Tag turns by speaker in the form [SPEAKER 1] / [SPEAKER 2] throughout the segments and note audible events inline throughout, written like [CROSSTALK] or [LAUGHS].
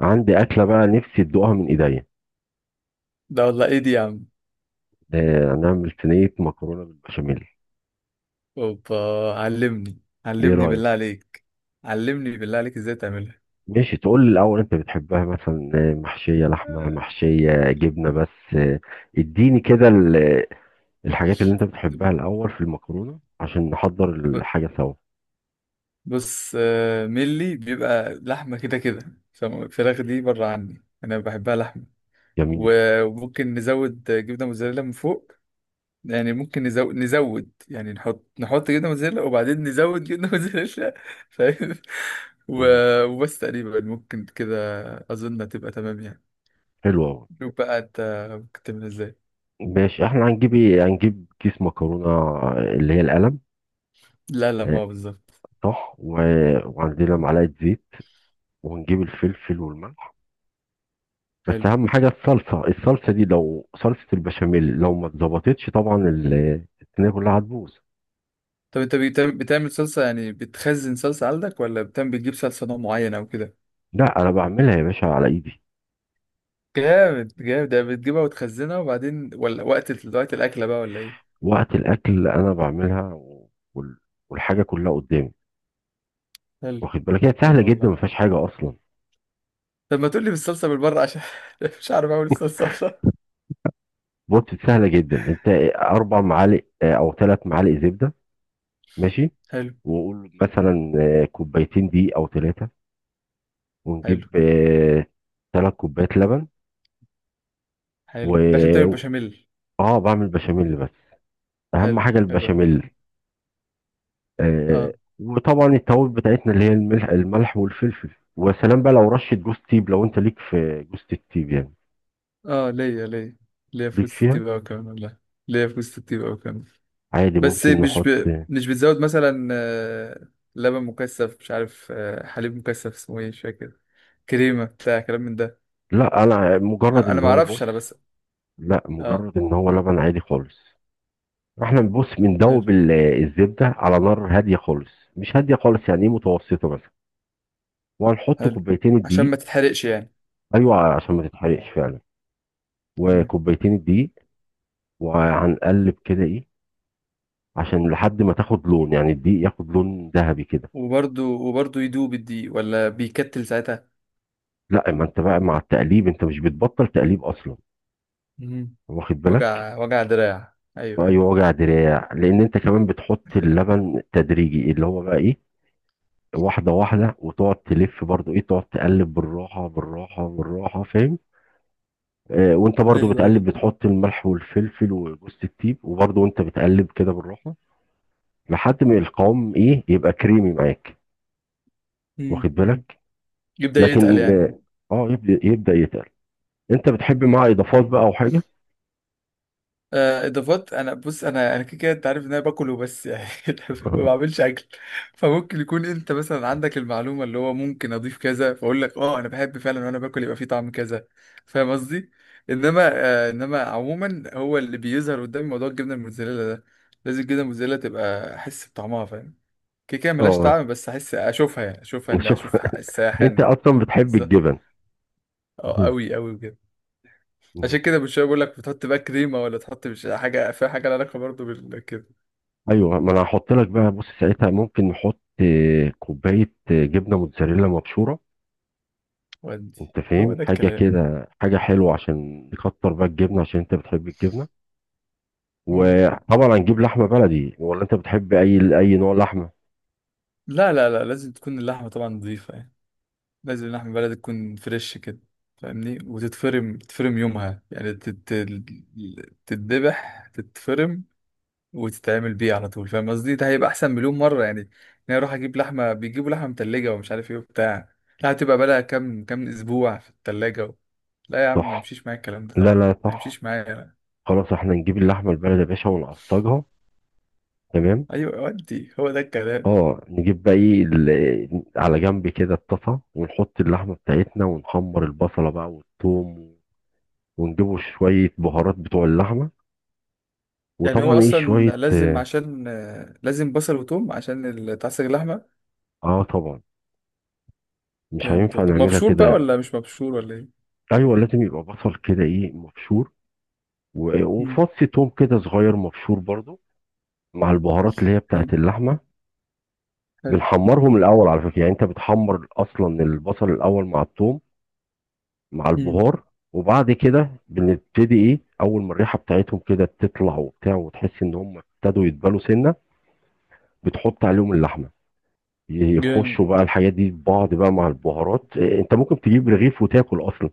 [SPEAKER 1] عندي أكلة بقى نفسي تدوقها من إيديا.
[SPEAKER 2] ده والله ايه دي يا عم.
[SPEAKER 1] آه، هنعمل صينية مكرونة بالبشاميل.
[SPEAKER 2] اوبا. علمني
[SPEAKER 1] إيه
[SPEAKER 2] علمني
[SPEAKER 1] رأيك؟
[SPEAKER 2] بالله عليك. علمني بالله عليك ازاي تعملها.
[SPEAKER 1] ماشي، تقول لي الأول أنت بتحبها مثلا، محشية لحمة محشية جبنة بس، اديني كده الحاجات اللي أنت بتحبها الأول في المكرونة عشان نحضر
[SPEAKER 2] ب-
[SPEAKER 1] الحاجة سوا.
[SPEAKER 2] بص، ملي بيبقى لحمة كده كده، فالفراخ دي بره عني انا بحبها لحمة.
[SPEAKER 1] جميل.
[SPEAKER 2] وممكن نزود جبنة موتزاريلا من فوق. يعني ممكن نزود يعني نحط جبنة موتزاريلا وبعدين نزود جبنة موتزاريلا. فاهم؟ [LAUGHS]
[SPEAKER 1] مم.
[SPEAKER 2] وبس تقريبا ممكن كده. اظن هتبقى تمام يعني.
[SPEAKER 1] حلو أوي.
[SPEAKER 2] شوف بقى انت ممكن تعمل ازاي.
[SPEAKER 1] ماشي، احنا هنجيب ايه، هنجيب كيس مكرونة اللي هي القلم.
[SPEAKER 2] لا لا، ما
[SPEAKER 1] آه،
[SPEAKER 2] هو بالظبط.
[SPEAKER 1] صح. وعندنا معلقة زيت، وهنجيب الفلفل والملح. بس
[SPEAKER 2] حلو.
[SPEAKER 1] اهم حاجه الصلصه دي، لو صلصه البشاميل لو ما اتظبطتش طبعا الصينيه كلها هتبوظ.
[SPEAKER 2] طب انت بتعمل صلصة يعني؟ بتخزن صلصة عندك ولا بتعمل بتجيب صلصة نوع معين او كده؟
[SPEAKER 1] لا، انا بعملها يا باشا على ايدي.
[SPEAKER 2] جامد جامد. ده بتجيبها وتخزنها وبعدين، ولا وقت وقت الأكلة بقى ولا ايه؟
[SPEAKER 1] وقت الاكل انا بعملها، والحاجه كلها قدامي.
[SPEAKER 2] حلو
[SPEAKER 1] واخد بالك، هي
[SPEAKER 2] حلو
[SPEAKER 1] سهله جدا
[SPEAKER 2] والله.
[SPEAKER 1] ما فيهاش حاجه اصلا.
[SPEAKER 2] طب ما تقول لي بالصلصة بالبره عشان [LAUGHS] مش عارف اعمل الصلصة عشان.
[SPEAKER 1] بص، سهله جدا انت. اربع معالق او ثلاث معالق زبده. ماشي.
[SPEAKER 2] حلو.
[SPEAKER 1] وقول مثلا، كوبايتين دي او ثلاثه، ونجيب
[SPEAKER 2] حلو
[SPEAKER 1] ثلاث كوبايات لبن.
[SPEAKER 2] حلو، ده عشان تعمل
[SPEAKER 1] و
[SPEAKER 2] بشاميل.
[SPEAKER 1] اه، بعمل بشاميل بس. اهم
[SPEAKER 2] حلو
[SPEAKER 1] حاجه
[SPEAKER 2] حلو والله.
[SPEAKER 1] البشاميل. آه،
[SPEAKER 2] اه.
[SPEAKER 1] وطبعا التوابل بتاعتنا اللي هي الملح والفلفل. وسلام بقى، لو رشه جوز تيب، لو انت ليك في جوز التيب يعني.
[SPEAKER 2] اه، ليا ليا. ليا في
[SPEAKER 1] ليك
[SPEAKER 2] وسط
[SPEAKER 1] فيها.
[SPEAKER 2] الطيب قوي كمان والله. ليا في وسط الطيب قوي كمان.
[SPEAKER 1] عادي،
[SPEAKER 2] بس
[SPEAKER 1] ممكن نحط.
[SPEAKER 2] مش بتزود مثلا لبن مكثف مش عارف، حليب مكثف اسمه ايه مش فاكر. كريمه بتاع كلام من ده.
[SPEAKER 1] لا، انا مجرد
[SPEAKER 2] انا
[SPEAKER 1] ان
[SPEAKER 2] ما
[SPEAKER 1] هو، بص.
[SPEAKER 2] اعرفش انا بس.
[SPEAKER 1] لا،
[SPEAKER 2] اه.
[SPEAKER 1] مجرد ان هو لبن عادي خالص. احنا بنبص
[SPEAKER 2] حلو.
[SPEAKER 1] بندوب الزبده على نار هاديه خالص. مش هاديه خالص يعني ايه، متوسطه مثلا. وهنحط
[SPEAKER 2] حلو،
[SPEAKER 1] كوبايتين
[SPEAKER 2] عشان
[SPEAKER 1] الدقيق.
[SPEAKER 2] ما تتحرقش يعني.
[SPEAKER 1] ايوه، عشان ما تتحرقش فعلا.
[SPEAKER 2] تمام.
[SPEAKER 1] وكوبايتين الدقيق، وهنقلب كده ايه، عشان لحد ما تاخد لون يعني الدقيق ياخد لون ذهبي كده.
[SPEAKER 2] وبرده يدوب الدقيق ولا بيكتل ساعتها؟
[SPEAKER 1] لا، ما انت بقى مع التقليب، انت مش بتبطل تقليب اصلا.
[SPEAKER 2] مم.
[SPEAKER 1] واخد بالك.
[SPEAKER 2] وجع وجع دراع، ايوه ايوه.
[SPEAKER 1] ايوه، وجع دراع، لان انت كمان بتحط اللبن تدريجي اللي هو بقى ايه، واحده واحده، وتقعد تلف برضو ايه، تقعد تقلب بالراحه بالراحه بالراحه، فاهم. وانت برضو
[SPEAKER 2] ايوه ايوه.
[SPEAKER 1] بتقلب بتحط الملح والفلفل وجوز الطيب، وبرضو وانت بتقلب كده بالراحه، لحد ما القوام ايه يبقى كريمي معاك.
[SPEAKER 2] مم.
[SPEAKER 1] واخد بالك.
[SPEAKER 2] يبدأ
[SPEAKER 1] لكن.
[SPEAKER 2] يتقل
[SPEAKER 1] مم.
[SPEAKER 2] يعني.
[SPEAKER 1] اه، يبدا يتقل. انت بتحب معاه اضافات بقى او حاجه؟
[SPEAKER 2] اضافات. انا بص، انا كده كده، انت عارف ان انا باكل وبس يعني. [LAUGHS] ما بعملش
[SPEAKER 1] [LAUGHS]
[SPEAKER 2] اكل. فممكن يكون انت مثلا عندك المعلومه اللي هو ممكن اضيف كذا، فاقول لك اه انا بحب فعلا، وانا باكل يبقى فيه طعم كذا. فاهم قصدي؟ انما آه، عموما هو اللي بيظهر قدامي موضوع الجبنه الموتزاريلا ده. لازم الجبنه الموتزاريلا تبقى احس بطعمها. فاهم؟ كده كده ملهاش
[SPEAKER 1] اه،
[SPEAKER 2] طعم، بس احس اشوفها يعني، اشوفها ان
[SPEAKER 1] شوف.
[SPEAKER 2] اشوف
[SPEAKER 1] أنت
[SPEAKER 2] الساحن.
[SPEAKER 1] أصلا بتحب
[SPEAKER 2] بالظبط.
[SPEAKER 1] الجبن.
[SPEAKER 2] اه
[SPEAKER 1] مم.
[SPEAKER 2] قوي قوي بجد.
[SPEAKER 1] مم.
[SPEAKER 2] عشان كده مش بقول لك بتحط بقى كريمه ولا تحط، مش حاجه فيها حاجه لها علاقه برضه بال كده.
[SPEAKER 1] أيوه، ما أنا هحط لك بقى، بص ساعتها ممكن نحط كوباية جبنة موتزاريلا مبشورة.
[SPEAKER 2] ودي
[SPEAKER 1] أنت
[SPEAKER 2] هو
[SPEAKER 1] فاهم،
[SPEAKER 2] ده
[SPEAKER 1] حاجة
[SPEAKER 2] الكلام.
[SPEAKER 1] كده، حاجة حلوة عشان نكتر بقى الجبنة عشان أنت بتحب الجبنة.
[SPEAKER 2] مم.
[SPEAKER 1] وطبعا هنجيب لحمة بلدي، ولا أنت بتحب أي نوع لحمة؟
[SPEAKER 2] لا لا لا، لازم تكون اللحمه طبعا نظيفه يعني. لازم اللحمه بلدي تكون فريش كده. فاهمني؟ وتتفرم يومها يعني، تتذبح تتفرم وتتعمل بيه على طول. فاهم قصدي؟ ده هيبقى احسن مليون مره يعني. ان انا اروح اجيب لحمه، بيجيبوا لحمه متلجه ومش عارف ايه وبتاع، لا هتبقى بقى لها كام كام اسبوع في التلاجة، و... لا يا عم ما
[SPEAKER 1] صح.
[SPEAKER 2] يمشيش معايا الكلام ده
[SPEAKER 1] لا،
[SPEAKER 2] طبعا.
[SPEAKER 1] لا،
[SPEAKER 2] ما
[SPEAKER 1] صح.
[SPEAKER 2] يمشيش معايا.
[SPEAKER 1] خلاص، احنا نجيب اللحمة البلدي يا باشا ونعصجها. تمام.
[SPEAKER 2] ايوه ودي هو ده الكلام.
[SPEAKER 1] اه، نجيب بقى ايه، على جنب كده الطاسة، ونحط اللحمة بتاعتنا ونحمر البصلة بقى والثوم، ونجيبوا شوية بهارات بتوع اللحمة.
[SPEAKER 2] يعني هو
[SPEAKER 1] وطبعا ايه
[SPEAKER 2] اصلا
[SPEAKER 1] شوية،
[SPEAKER 2] لازم،
[SPEAKER 1] اه.
[SPEAKER 2] عشان لازم بصل وتوم عشان تعصج اللحمه.
[SPEAKER 1] طبعا، مش
[SPEAKER 2] جامد
[SPEAKER 1] هينفع
[SPEAKER 2] والله.
[SPEAKER 1] نعملها
[SPEAKER 2] مبشور بقى
[SPEAKER 1] كده.
[SPEAKER 2] ولا مش مبشور ولا ايه؟
[SPEAKER 1] ايوه، لازم يبقى بصل كده ايه مبشور،
[SPEAKER 2] مم.
[SPEAKER 1] وفص توم كده صغير مبشور برضو، مع البهارات اللي هي
[SPEAKER 2] حلو.
[SPEAKER 1] بتاعت اللحمة.
[SPEAKER 2] حلو.
[SPEAKER 1] بنحمرهم الاول على فكرة، يعني انت بتحمر اصلا البصل الاول مع التوم مع
[SPEAKER 2] مم.
[SPEAKER 1] البهار. وبعد كده بنبتدي ايه، اول ما الريحة بتاعتهم كده تطلع وبتاع، وتحس ان هم ابتدوا يتبالوا سنة، بتحط عليهم اللحمة.
[SPEAKER 2] جامد.
[SPEAKER 1] يخشوا بقى الحاجات دي في بعض بقى مع البهارات، إيه، انت ممكن تجيب رغيف وتاكل اصلا.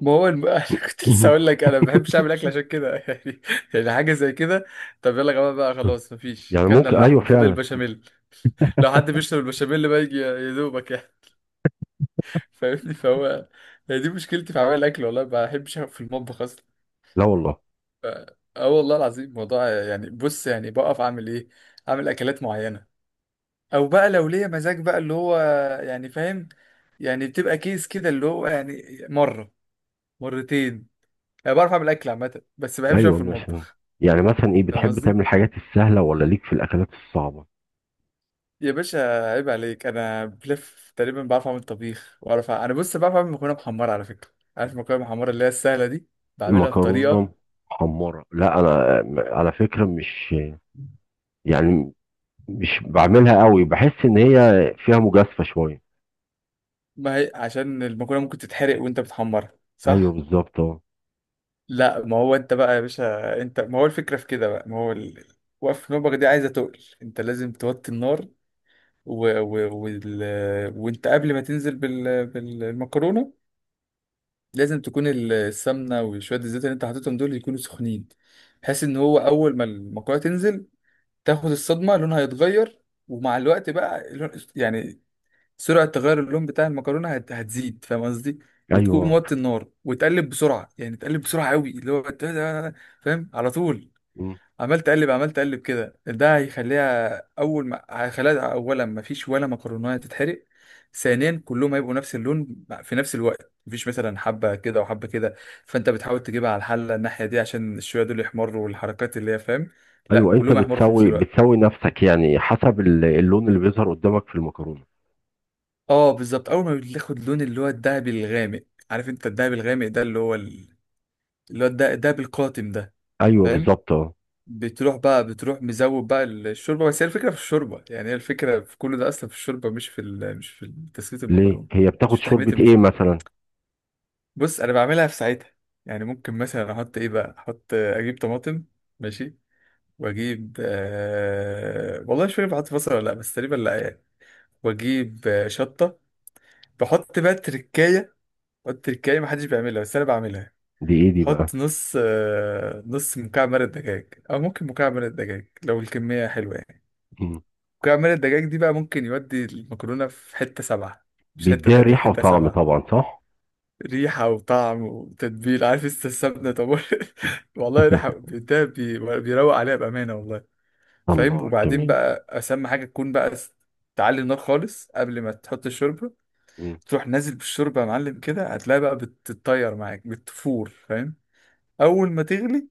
[SPEAKER 2] ما هو الم... [LAUGHS] انا كنت لسه اقول
[SPEAKER 1] [LAUGHS]
[SPEAKER 2] لك انا ما بحبش اعمل اكل عشان كده. [LAUGHS] يعني حاجه زي كده. طب يلا يا جماعه بقى خلاص، مفيش،
[SPEAKER 1] يعني
[SPEAKER 2] كلنا
[SPEAKER 1] ممكن، ايوه،
[SPEAKER 2] اللحمه، فاضل
[SPEAKER 1] فعلا.
[SPEAKER 2] البشاميل. لو حد بيشرب البشاميل بقى يجي يا دوبك يعني. [LAUGHS] فاهمني فهو. هي دي مشكلتي في عمل الاكل والله. ما بحبش أقف في المطبخ.
[SPEAKER 1] لا والله.
[SPEAKER 2] اه. والله العظيم موضوع يعني، بص يعني بقف اعمل ايه، اعمل اكلات معينه، او بقى لو ليا مزاج بقى اللي هو يعني، فاهم؟ يعني بتبقى كيس كده اللي هو يعني مره مرتين. انا بعرف اعمل اكل عامه، بس ما بحبش اقف
[SPEAKER 1] ايوه،
[SPEAKER 2] في
[SPEAKER 1] مثلا،
[SPEAKER 2] المطبخ.
[SPEAKER 1] يعني مثلا ايه،
[SPEAKER 2] فاهم
[SPEAKER 1] بتحب تعمل
[SPEAKER 2] قصدي؟
[SPEAKER 1] الحاجات السهله ولا ليك في الاكلات الصعبه؟
[SPEAKER 2] يا باشا عيب عليك، انا بلف تقريبا بعرف اعمل طبيخ، واعرف انا بص بعرف اعمل مكرونه محمره على فكره. عارف المكرونه المحمره اللي هي السهله دي؟ بعملها بطريقه.
[SPEAKER 1] مكرونه محمره، لا انا على فكره مش، يعني مش بعملها قوي، بحس ان هي فيها مجازفه شويه.
[SPEAKER 2] ما هي عشان المكرونه ممكن تتحرق وانت بتحمرها،
[SPEAKER 1] ايوه
[SPEAKER 2] صح.
[SPEAKER 1] بالظبط، اه.
[SPEAKER 2] لا ما هو انت بقى يا باشا، انت ما هو الفكره في كده بقى، ما هو وقف نوبك دي عايزه تقل، انت لازم توطي النار. و... و... وال... وانت قبل ما تنزل بالمكرونه، لازم تكون السمنه وشويه الزيت اللي انت حاططهم دول يكونوا سخنين، بحيث ان هو اول ما المكرونه تنزل تاخد الصدمه لونها يتغير. ومع الوقت بقى لون... يعني سرعة تغير اللون بتاع المكرونة هتزيد، فاهم قصدي؟ وتكون
[SPEAKER 1] ايوه.
[SPEAKER 2] موطي النار وتقلب بسرعة. يعني تقلب بسرعة قوي، اللي هو فاهم على طول؟
[SPEAKER 1] مم.
[SPEAKER 2] عمال تقلب عمال تقلب كده. ده هيخليها، أولا ما فيش ولا مكرونة تتحرق، ثانيا كلهم هيبقوا نفس اللون في نفس الوقت، مفيش مثلا حبة كده وحبة كده. فأنت بتحاول تجيبها على الحلة الناحية دي عشان الشوية دول يحمروا والحركات اللي هي، فاهم؟ لا
[SPEAKER 1] ايوه، انت
[SPEAKER 2] كلهم هيحمروا في نفس
[SPEAKER 1] بتسوي
[SPEAKER 2] الوقت.
[SPEAKER 1] بتسوي نفسك يعني حسب اللون اللي بيظهر قدامك في المكرونه.
[SPEAKER 2] اه بالظبط. اول ما بتاخد لون اللي هو الدهبي الغامق. عارف انت الدهبي الغامق ده اللي هو الدهبي القاتم ده؟
[SPEAKER 1] ايوه
[SPEAKER 2] فاهم؟
[SPEAKER 1] بالظبط، اه.
[SPEAKER 2] بتروح مزود بقى الشوربه. بس هي الفكره في الشوربه. يعني هي الفكره في كل ده اصلا في الشوربه، مش في مش في تسويه
[SPEAKER 1] ليه،
[SPEAKER 2] المكرونه.
[SPEAKER 1] هي
[SPEAKER 2] مش
[SPEAKER 1] بتاخد
[SPEAKER 2] في تحميه
[SPEAKER 1] شوربة ايه
[SPEAKER 2] المشروب.
[SPEAKER 1] مثلا؟
[SPEAKER 2] بص انا بعملها في ساعتها. يعني ممكن مثلا احط ايه بقى، احط، اجيب طماطم، ماشي، واجيب والله مش فاكر بحط بصل ولا لا، بس تقريبا لا يعني. واجيب شطه. بحط بقى تركايه. التركاية محدش بيعملها بس انا بعملها.
[SPEAKER 1] دي ايه دي بقى؟
[SPEAKER 2] بحط نص مكعب مرق دجاج، او ممكن مكعب مرق دجاج لو الكمية حلوة يعني.
[SPEAKER 1] مم.
[SPEAKER 2] مكعب مرق الدجاج دي بقى ممكن يودي المكرونة في حتة سبعة. مش حتة
[SPEAKER 1] بيديها
[SPEAKER 2] تانية،
[SPEAKER 1] ريحة
[SPEAKER 2] حتة
[SPEAKER 1] وطعم
[SPEAKER 2] سبعة.
[SPEAKER 1] طبعا، صح.
[SPEAKER 2] ريحة وطعم وتتبيل، عارف انت السمنة طب. [LAUGHS] والله ريحة
[SPEAKER 1] [LAUGHS]
[SPEAKER 2] ده بيروق عليها بأمانة والله. فاهم؟
[SPEAKER 1] الله،
[SPEAKER 2] وبعدين
[SPEAKER 1] جميل.
[SPEAKER 2] بقى أسمى حاجة تكون تعلي النار خالص قبل ما تحط الشوربة.
[SPEAKER 1] مم.
[SPEAKER 2] تروح نازل بالشوربة يا معلم كده، هتلاقي بقى بتتطير معاك بتفور، فاهم؟ اول ما تغلي.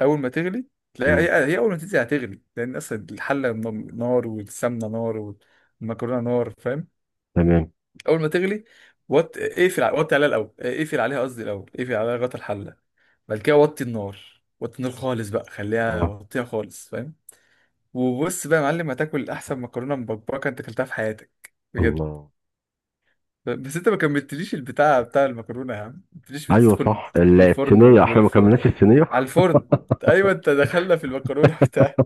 [SPEAKER 2] اول ما تغلي تلاقي
[SPEAKER 1] مم.
[SPEAKER 2] هي اول ما تنزل هتغلي، لان اصلا الحله نار، والسمنه نار، والمكرونه نار، فاهم؟
[SPEAKER 1] تمام.
[SPEAKER 2] اول ما تغلي، وطي عليها الاول، اقفل عليها قصدي الاول، اقفل عليها لغايه الحله. بعد كده وطي النار، وطي النار خالص بقى، خليها،
[SPEAKER 1] اه.
[SPEAKER 2] وطيها خالص، فاهم؟ وبص بقى يا معلم هتاكل احسن مكرونه مبكبكه انت اكلتها في حياتك، بجد.
[SPEAKER 1] الله.
[SPEAKER 2] بس انت ما كملتليش البتاع بتاع المكرونه يا عم. ما قلتليش
[SPEAKER 1] ايوه،
[SPEAKER 2] بتدخل
[SPEAKER 1] صح،
[SPEAKER 2] بتدخل الفرن
[SPEAKER 1] الصينية احنا ما
[SPEAKER 2] والفرن.
[SPEAKER 1] كملناش الصينية.
[SPEAKER 2] على الفرن. ايوه انت دخلنا في المكرونه بتاع.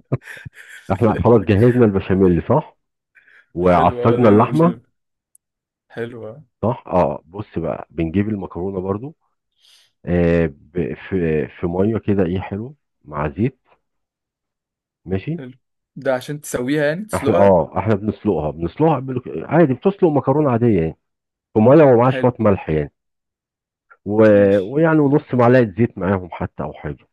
[SPEAKER 1] [LAUGHS]
[SPEAKER 2] [LAUGHS]
[SPEAKER 1] احنا خلاص جهزنا البشاميل، صح،
[SPEAKER 2] حلوه. اه
[SPEAKER 1] وعصجنا
[SPEAKER 2] دي
[SPEAKER 1] اللحمة.
[SPEAKER 2] مشهور حلوه.
[SPEAKER 1] صح، اه، بص بقى بنجيب المكرونة برضو. في مية كده ايه، حلو، مع زيت. ماشي.
[SPEAKER 2] حلو ده عشان تسويها يعني،
[SPEAKER 1] احنا
[SPEAKER 2] تسلقها.
[SPEAKER 1] اه احنا بنسلقها بنسلقها عادي، بتسلق مكرونة عادية يعني، وميه ومعاه شويه
[SPEAKER 2] حلو
[SPEAKER 1] ملح يعني، و...
[SPEAKER 2] ماشي.
[SPEAKER 1] ويعني
[SPEAKER 2] حلو.
[SPEAKER 1] ونص معلقه زيت معاهم حتى او حاجه.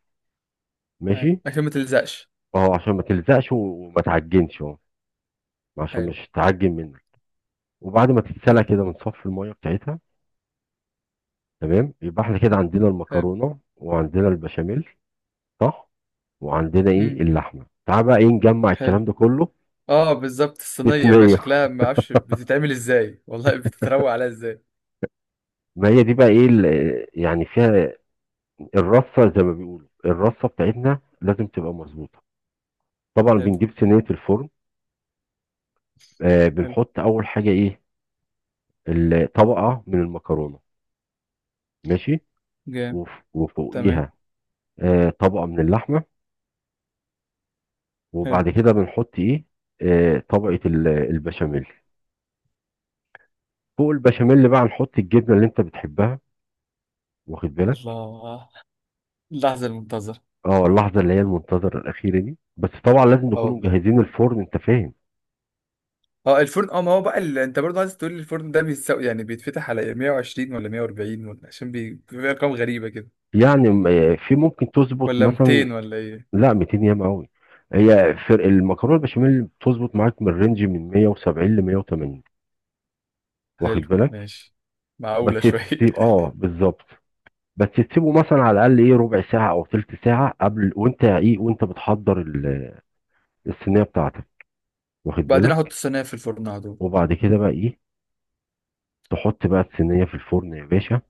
[SPEAKER 2] حلو،
[SPEAKER 1] ماشي.
[SPEAKER 2] عشان ما تلزقش.
[SPEAKER 1] اهو، عشان ما تلزقش وما تعجنش، اهو، عشان
[SPEAKER 2] حلو.
[SPEAKER 1] مش تعجن منك. وبعد ما تتسلق
[SPEAKER 2] حلو.
[SPEAKER 1] كده بنصفي الميه بتاعتها. تمام، يبقى احنا كده عندنا
[SPEAKER 2] حلو.
[SPEAKER 1] المكرونه وعندنا البشاميل، صح، وعندنا ايه
[SPEAKER 2] امم
[SPEAKER 1] اللحمه. تعال بقى ايه نجمع
[SPEAKER 2] حلو.
[SPEAKER 1] الكلام ده كله.
[SPEAKER 2] اه بالظبط، الصينيه بقى
[SPEAKER 1] بتنية.
[SPEAKER 2] شكلها ما اعرفش بتتعمل ازاي والله، بتتروق عليها ازاي.
[SPEAKER 1] ما هي دي بقى ايه يعني فيها الرصه زي ما بيقولوا، الرصه بتاعتنا لازم تبقى مظبوطه. طبعا
[SPEAKER 2] حلو.
[SPEAKER 1] بنجيب صينيه الفرن.
[SPEAKER 2] حلو.
[SPEAKER 1] بنحط اول حاجه ايه، طبقة من المكرونة. ماشي.
[SPEAKER 2] جامد. تمام.
[SPEAKER 1] وفوقيها طبقة من اللحمة.
[SPEAKER 2] حلو.
[SPEAKER 1] وبعد كده بنحط ايه، طبقة البشاميل. فوق البشاميل بقى نحط الجبنة اللي انت بتحبها. واخد بالك.
[SPEAKER 2] الله، اللحظه المنتظره.
[SPEAKER 1] اه، اللحظة اللي هي المنتظرة الأخيرة دي، بس طبعا لازم
[SPEAKER 2] اه
[SPEAKER 1] نكونوا
[SPEAKER 2] والله.
[SPEAKER 1] مجهزين الفرن، انت فاهم.
[SPEAKER 2] اه الفرن، اه ما هو بقى انت برضه عايز تقول لي الفرن ده بيتساوي يعني بيتفتح على 120 ولا 140 ولا إيه؟ عشان بيبقى ارقام غريبة كده.
[SPEAKER 1] يعني في ممكن تظبط
[SPEAKER 2] ولا
[SPEAKER 1] مثلا.
[SPEAKER 2] 200 ولا ايه؟
[SPEAKER 1] لا، 200 ياما قوي. هي فرق المكرونة البشاميل بتظبط معاك من رينج من 170 ل 180. واخد
[SPEAKER 2] حلو
[SPEAKER 1] بالك.
[SPEAKER 2] ماشي.
[SPEAKER 1] بس
[SPEAKER 2] معقولة شوية.
[SPEAKER 1] تسيب، اه، بالظبط. بس تسيبه مثلا على الاقل ايه ربع ساعه او تلت ساعه قبل، وانت ايه وانت بتحضر الصينيه بتاعتك.
[SPEAKER 2] [LAUGHS]
[SPEAKER 1] واخد
[SPEAKER 2] بعدين احط
[SPEAKER 1] بالك.
[SPEAKER 2] الصينية في الفرن على طول.
[SPEAKER 1] وبعد كده بقى ايه، تحط بقى الصينيه في الفرن يا باشا،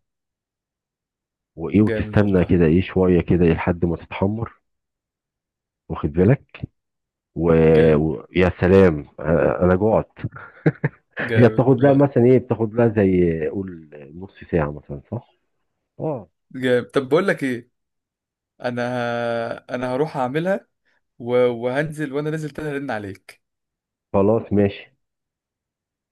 [SPEAKER 1] وايه
[SPEAKER 2] جامد
[SPEAKER 1] وتستنى
[SPEAKER 2] والله.
[SPEAKER 1] كده ايه شويه كده ايه لحد ما تتحمر. واخد بالك.
[SPEAKER 2] جامد.
[SPEAKER 1] يا سلام، انا جوعت. هي
[SPEAKER 2] جامد
[SPEAKER 1] بتاخد لها
[SPEAKER 2] والله.
[SPEAKER 1] مثلا ايه، بتاخد لها زي قول نص ساعه مثلا، صح. اه.
[SPEAKER 2] جامد. طب بقول لك ايه، انا هروح اعملها، و... وهنزل، وانا نازل تاني ارن عليك.
[SPEAKER 1] خلاص، ماشي.